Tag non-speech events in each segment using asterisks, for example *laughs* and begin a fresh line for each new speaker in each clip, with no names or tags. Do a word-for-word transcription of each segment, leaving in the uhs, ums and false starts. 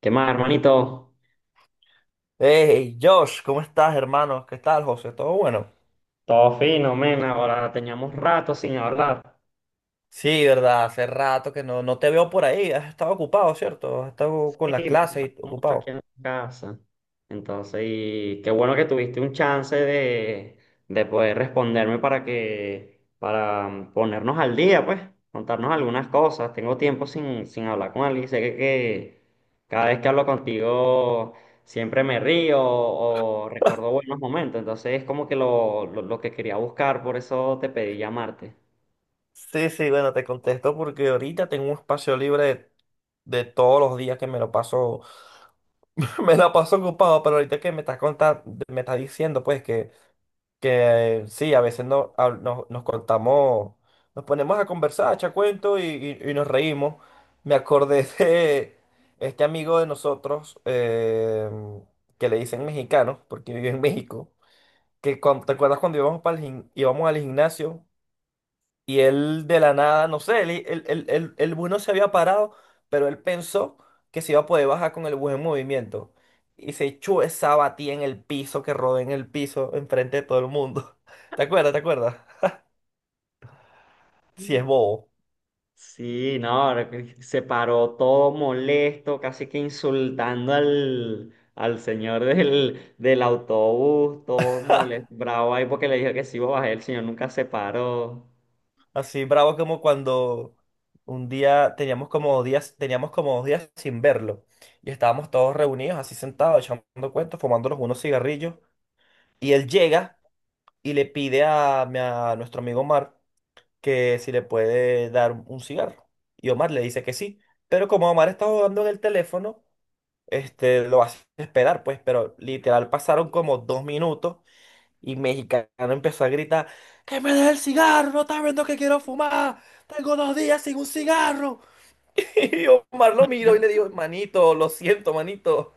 ¿Qué más, hermanito?
Hey, Josh, ¿cómo estás, hermano? ¿Qué tal, José? ¿Todo bueno?
Todo fino, men. Ahora teníamos rato sin hablar.
Sí, verdad, hace rato que no, no te veo por ahí. Has estado ocupado, ¿cierto? Has estado con las
Y me pasa
clases y
mucho aquí
ocupado.
en la casa. Entonces, y qué bueno que tuviste un chance de, de poder responderme para que, para mm, ponernos al día, pues, contarnos algunas cosas. Tengo tiempo sin, sin hablar con alguien. Sé que, que cada vez que hablo contigo siempre me río o recuerdo buenos momentos. Entonces, es como que lo, lo lo que quería buscar, por eso te pedí llamarte.
Sí, sí, bueno, te contesto porque ahorita tengo un espacio libre de todos los días que me lo paso, *laughs* me la paso ocupado, pero ahorita que me estás contando, me estás diciendo, pues, que que sí, a veces no, a- no- nos contamos, nos ponemos a conversar, a echar cuentos y, y- y nos reímos. Me acordé *laughs* de este amigo de nosotros eh, que le dicen mexicano, porque vive en México, que cuan- ¿te acuerdas cuando íbamos, para el gim- íbamos al gimnasio? Y él de la nada, no sé, el, el, el, el, el bus no se había parado, pero él pensó que se iba a poder bajar con el bus en movimiento. Y se echó esa batida en el piso, que rodó en el piso, enfrente de todo el mundo. *laughs* ¿Te acuerdas? ¿Te acuerdas? Si es bobo.
Sí, no, ahora se paró todo molesto, casi que insultando al, al señor del, del autobús, todo molesto, bravo ahí porque le dijo que sí iba a bajar, el señor nunca se paró.
Así bravo como cuando un día teníamos como dos días, teníamos como dos días sin verlo. Y estábamos todos reunidos, así sentados, echando cuentos, fumándonos unos cigarrillos. Y él llega y le pide a, mi- a nuestro amigo Omar que si le puede dar un cigarro. Y Omar le dice que sí. Pero como Omar está jugando en el teléfono, este, lo hace esperar, pues. Pero literal pasaron como dos minutos y Mexicano empezó a gritar, ¡que me dé el cigarro! ¡No estás viendo que quiero fumar! ¡Tengo dos días sin un cigarro! *laughs* Y Omar lo miró y le dijo, manito, lo siento, manito.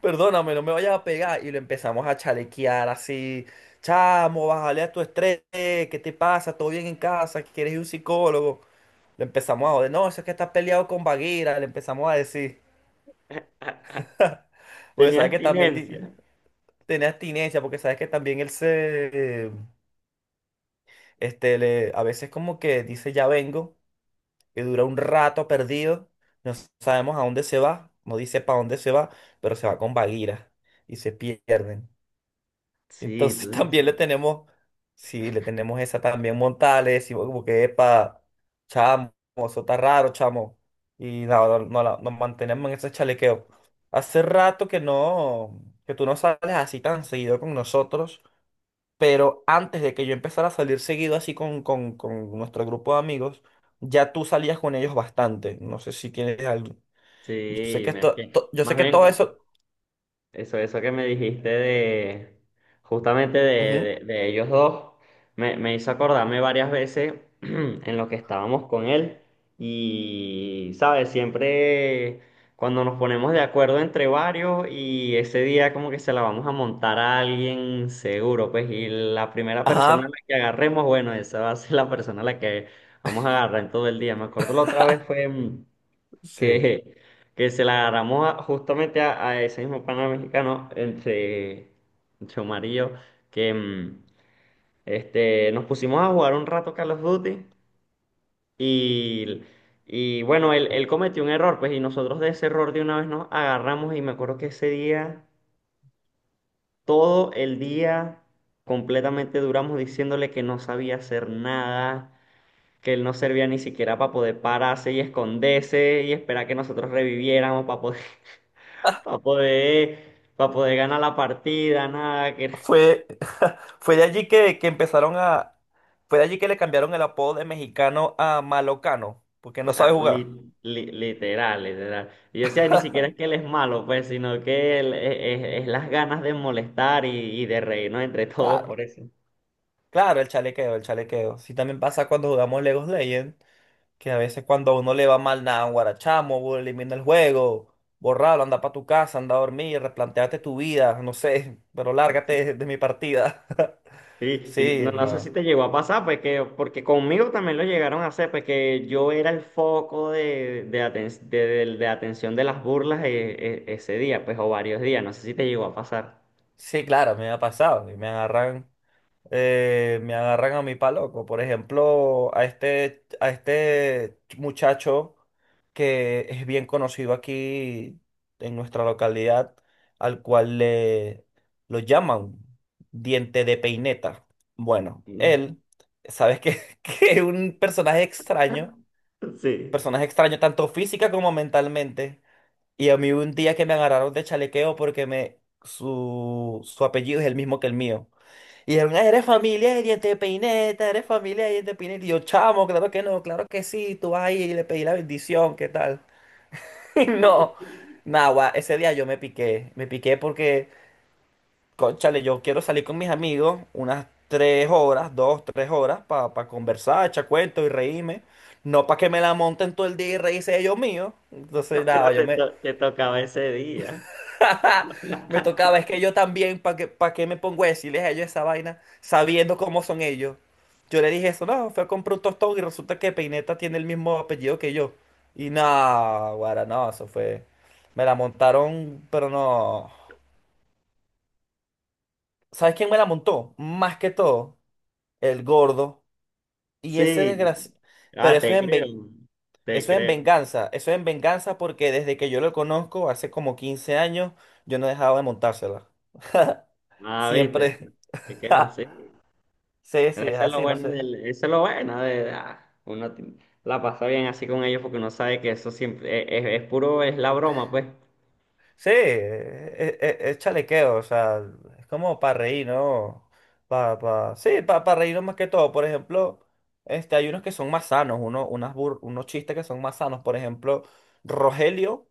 Perdóname, no me vayas a pegar. Y lo empezamos a chalequear así. Chamo, bájale a tu estrés. ¿Qué te pasa? ¿Todo bien en casa? ¿Quieres ir a un psicólogo? Le empezamos a joder. No, eso es que estás peleado con Bagheera. Le empezamos a decir. *laughs*
*laughs*
Porque
Tenía
sabes que también di-
abstinencia.
tenía abstinencia. Porque sabes que también él se. Este, le, a veces como que dice ya vengo. Y dura un rato perdido. No sabemos a dónde se va. No dice para dónde se va. Pero se va con Bagheera. Y se pierden.
Sí,
Entonces *laughs*
tú
también
dices.
le tenemos, sí, le tenemos esa también montada, le decimos como que, epa, chamo, eso está raro, chamo. Y no, no, no la- nos mantenemos en ese chalequeo. Hace rato que no, que tú no sales así tan seguido con nosotros, pero antes de que yo empezara a salir seguido así con, con, con nuestro grupo de amigos, ya tú salías con ellos bastante. No sé si tienes algo. Yo sé
Sí,
que
me- es
esto,
que
to- yo
más
sé que todo
bien
eso.
eso, eso que me dijiste de justamente de,
Ujú.
de- de ellos dos, me, me hizo acordarme varias veces *clears throat* en lo que estábamos con él. Y, ¿sabes? Siempre cuando nos ponemos de acuerdo entre varios y ese día como que se la vamos a montar a alguien seguro, pues, y la primera persona a la
Ajá,
que agarremos, bueno, esa va a ser la persona a la que vamos a agarrar en todo el día. Me acuerdo la otra vez fue... mm,
sí.
que, que se la agarramos a- justamente a, a ese mismo pana mexicano entre, chomarillo que mm, este, nos pusimos a jugar un rato Call of Duty y, y bueno, él, él cometió un error, pues, y nosotros de ese error de una vez nos agarramos y me acuerdo que ese día, todo el día completamente duramos diciéndole que no sabía hacer nada, que él no servía ni siquiera para poder pararse y esconderse y esperar que nosotros reviviéramos para poder, para poder, pa' poder ganar la partida, nada, que
Fue, *laughs* fue de allí que, que empezaron a... Fue de allí que le cambiaron el apodo de mexicano a malocano, porque no
la-
sabe jugar.
li- li- literal, literal. Y yo decía, ni siquiera es que él es malo, pues, sino que él- es, es- es las ganas de molestar y, y de reírnos entre todos
Claro,
por eso.
claro, el chalequeo, el chalequeo. Sí, también pasa cuando jugamos Legos Legend, que a veces cuando a uno le va mal, nada, guarachamo, bu- elimina el juego, borralo, anda para tu casa, anda a dormir, replanteate tu vida, no sé, pero lárgate de, de mi partida. *laughs*
Sí y no,
Sí,
no sé si
no.
te llegó a pasar, pues que, porque conmigo también lo llegaron a hacer, pues que yo era el foco de, de, aten- de- de- de atención de las burlas eh, eh, ese día, pues, o varios días, no sé si te llegó a pasar.
Sí, claro, me ha pasado. Y me agarran. eh, me agarran a mí pa' loco. Por ejemplo, a este, a este muchacho que es bien conocido aquí en nuestra localidad, al cual le lo llaman diente de peineta. Bueno, él, sabes que, *laughs* que es un personaje extraño,
*laughs* Sí.
personaje extraño tanto física como mentalmente. Y a mí hubo un día que me agarraron de chalequeo porque me, su, su apellido es el mismo que el mío. Y dijeron, "Ah, eres familia de Diente de Peineta, eres familia de Diente de Peineta". Y yo, chamo, claro que no, claro que sí, tú vas ahí y le pedí la bendición, ¿qué tal? *laughs* Y no, nada, ese día yo me piqué, me piqué porque, cónchale, yo quiero salir con mis amigos unas tres horas, dos, tres horas, para conversar, echar cuentos y reírme. No para que me la monten todo el día y reírse ellos míos. Entonces,
No, pero
nada, yo
te,
me,
to- te tocaba ese día.
*laughs* me tocaba, es que
*laughs*
yo también, ¿para qué, pa' qué me pongo a decirles a ellos esa vaina sabiendo cómo son ellos? Yo le dije eso, no, fue a comprar un tostón y resulta que Peineta tiene el mismo apellido que yo. Y no, guara, no, eso fue. Me la montaron, pero no. ¿Sabes quién me la montó? Más que todo, el gordo. Y ese
Sí.
desgracia. Pero
Ah,
eso
te
es en ven-
creo. Te
eso es en
creo.
venganza. Eso es en venganza porque desde que yo lo conozco, hace como quince años, yo no he dejado de montársela.
Ah, viste.
Siempre.
Es que es
*laughs*
así.
Sí, sí,
Pero
es
eso es lo
así, no
bueno
sé.
del, eso es lo bueno de, ah, uno ti- la pasa bien así con ellos porque uno sabe que eso siempre es, es- es puro, es la broma, pues.
Sí, es, es- es chalequeo, o sea, es como para reír, ¿no? Pa, pa- sí, para pa pa reírnos más que todo. Por ejemplo, este, hay unos que son más sanos, uno, unas bur- unos chistes que son más sanos. Por ejemplo, Rogelio,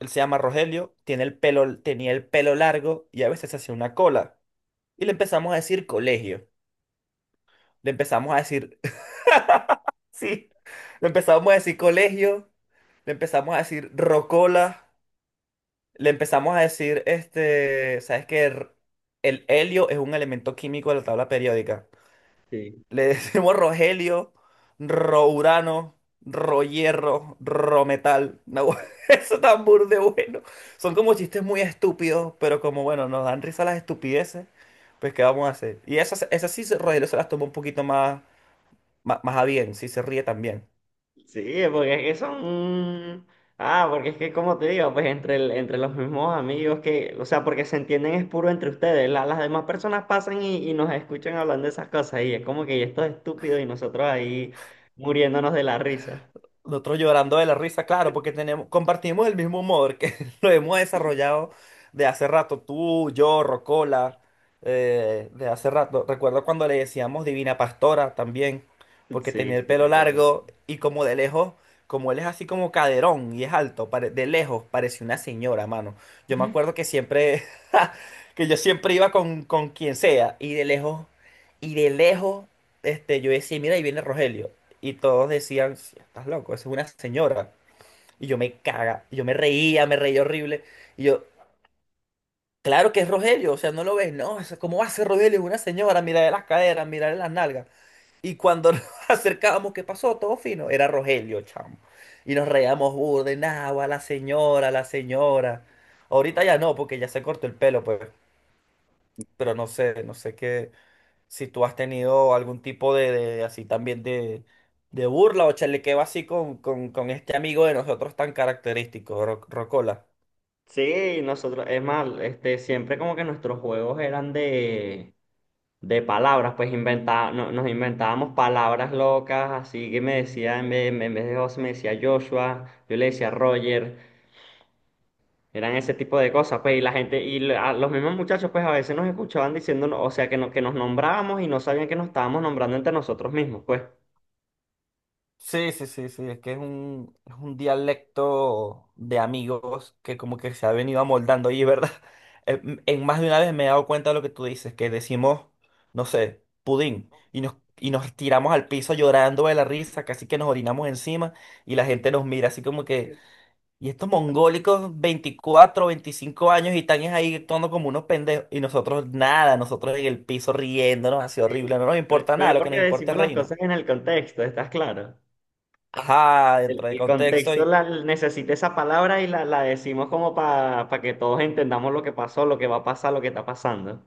él se llama Rogelio, tiene el pelo, tenía el pelo largo y a veces se hacía una cola. Y le empezamos a decir colegio. Le empezamos a decir, *laughs* sí, le empezamos a decir colegio, le empezamos a decir rocola. Le empezamos a decir, este, ¿sabes qué? R- el helio es un elemento químico de la tabla periódica.
Sí.
Le *laughs* decimos rogelio, rourano, rohierro, rometal. No, *laughs* eso tan burde bueno. Son como chistes muy estúpidos, pero como bueno, nos dan risa las estupideces, pues ¿qué vamos a hacer? Y esas, esas sí, se- Rogelio se las toma un poquito más, más, más a bien, sí se ríe también.
Sí, porque es que son... Ah, porque es que como te digo, pues entre, el- entre los mismos amigos que, o sea, porque se entienden es puro entre ustedes. La- las demás personas pasan y, y nos escuchan hablando de esas cosas y es como que esto es estúpido y nosotros ahí muriéndonos de la risa.
Nosotros llorando de la risa, claro, porque tenemos, compartimos el mismo humor que *laughs* lo hemos desarrollado de hace rato, tú, yo, Rocola, eh, de hace rato. Recuerdo cuando le decíamos Divina Pastora también, porque
Sí,
tenía el
sí,
pelo
recuerdo eso.
largo y como de lejos, como él es así como caderón y es alto, pare- de lejos parece una señora, mano. Yo me acuerdo que siempre, *laughs* que yo siempre iba con, con quien sea y de lejos, y de lejos, este, yo decía, mira, ahí viene Rogelio. Y todos decían, "Sí, estás loco, esa es una señora". Y yo me caga, y yo me reía, me reía horrible. Y yo, claro que es Rogelio, o sea, no lo ves, no, eso- ¿cómo va a ser Rogelio? Es una señora, mirarle las caderas, mirarle las nalgas. Y cuando *laughs* nos acercábamos, ¿qué pasó? Todo fino, era Rogelio, chamo. Y nos reíamos burde, nada, la señora, la señora. Ahorita ya no, porque ya se cortó el pelo, pues. Pero no sé, no sé qué. Si tú has tenido algún tipo de, de- así también de, de burla o chalequeo así con, con, con este amigo de nosotros tan característico, Ro- Rocola.
Sí, nosotros, es más, este, siempre como que nuestros juegos eran de, de palabras, pues inventa- no- nos inventábamos palabras locas, así que me decía, en vez, en vez de José me decía Joshua, yo le decía Roger. Eran ese tipo de cosas, pues, y la gente, y la- los mismos muchachos, pues, a veces nos escuchaban diciéndonos, o sea, que, no, que nos nombrábamos y no sabían que nos estábamos nombrando entre nosotros mismos, pues.
Sí, sí, sí, sí, es que es un, es un, dialecto de amigos que como que se ha venido amoldando y, ¿verdad? *laughs* En, en más de una vez me he dado cuenta de lo que tú dices, que decimos, no sé, pudín, y nos, y nos tiramos al piso llorando de la risa, casi que nos orinamos encima, y la gente nos mira así como que... Y estos mongólicos, veinticuatro, veinticinco años, y están es ahí actuando como unos pendejos. Y nosotros nada, nosotros en el piso riéndonos, así horrible.
Sí,
No nos
pero,
importa
pero
nada,
es
lo que nos
porque
importa
decimos
es
las
reírnos.
cosas en el contexto, ¿estás claro?
Ajá,
El,
dentro del
el
contexto.
contexto la, necesita esa palabra y la, la decimos como para que todos entendamos lo que pasó, lo que va a pasar, lo que está pasando.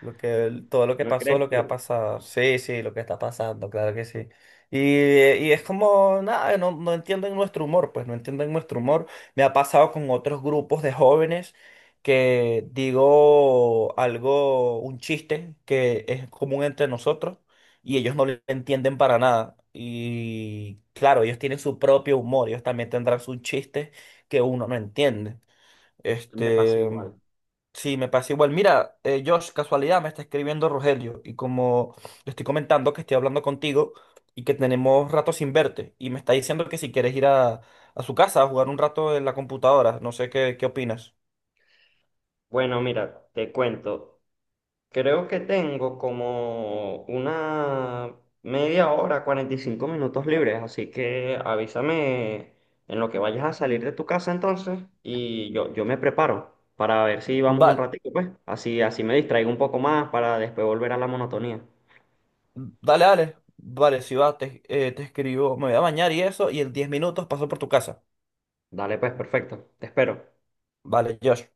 Lo que, todo lo que
¿No
pasó,
crees
lo que ha
tú?
pasado. Sí, sí, lo que está pasando, claro que sí. Y, eh, y es como, nada, no, no entienden nuestro humor, pues no entienden nuestro humor. Me ha pasado con otros grupos de jóvenes que digo algo, un chiste que es común entre nosotros y ellos no lo entienden para nada. Y claro, ellos tienen su propio humor, ellos también tendrán sus chistes que uno no entiende.
Me pasa
Este,
igual.
sí, me pasa igual. Mira, eh, Josh, casualidad, me está escribiendo Rogelio y como le estoy comentando que estoy hablando contigo y que tenemos rato sin verte y me está diciendo que si quieres ir a, a su casa a jugar un rato en la computadora, no sé qué, qué opinas.
Bueno, mira, te cuento. Creo que tengo como una media hora, cuarenta y cinco minutos libres, así que avísame en lo que vayas a salir de tu casa entonces y yo, yo me preparo para ver si vamos un
Vale,
ratito, pues. Así, así me distraigo un poco más para después volver a la monotonía.
dale, dale, vale, si va, te, eh, te escribo, me voy a bañar y eso y en diez minutos paso por tu casa.
Dale, pues, perfecto. Te espero.
Vale, Josh.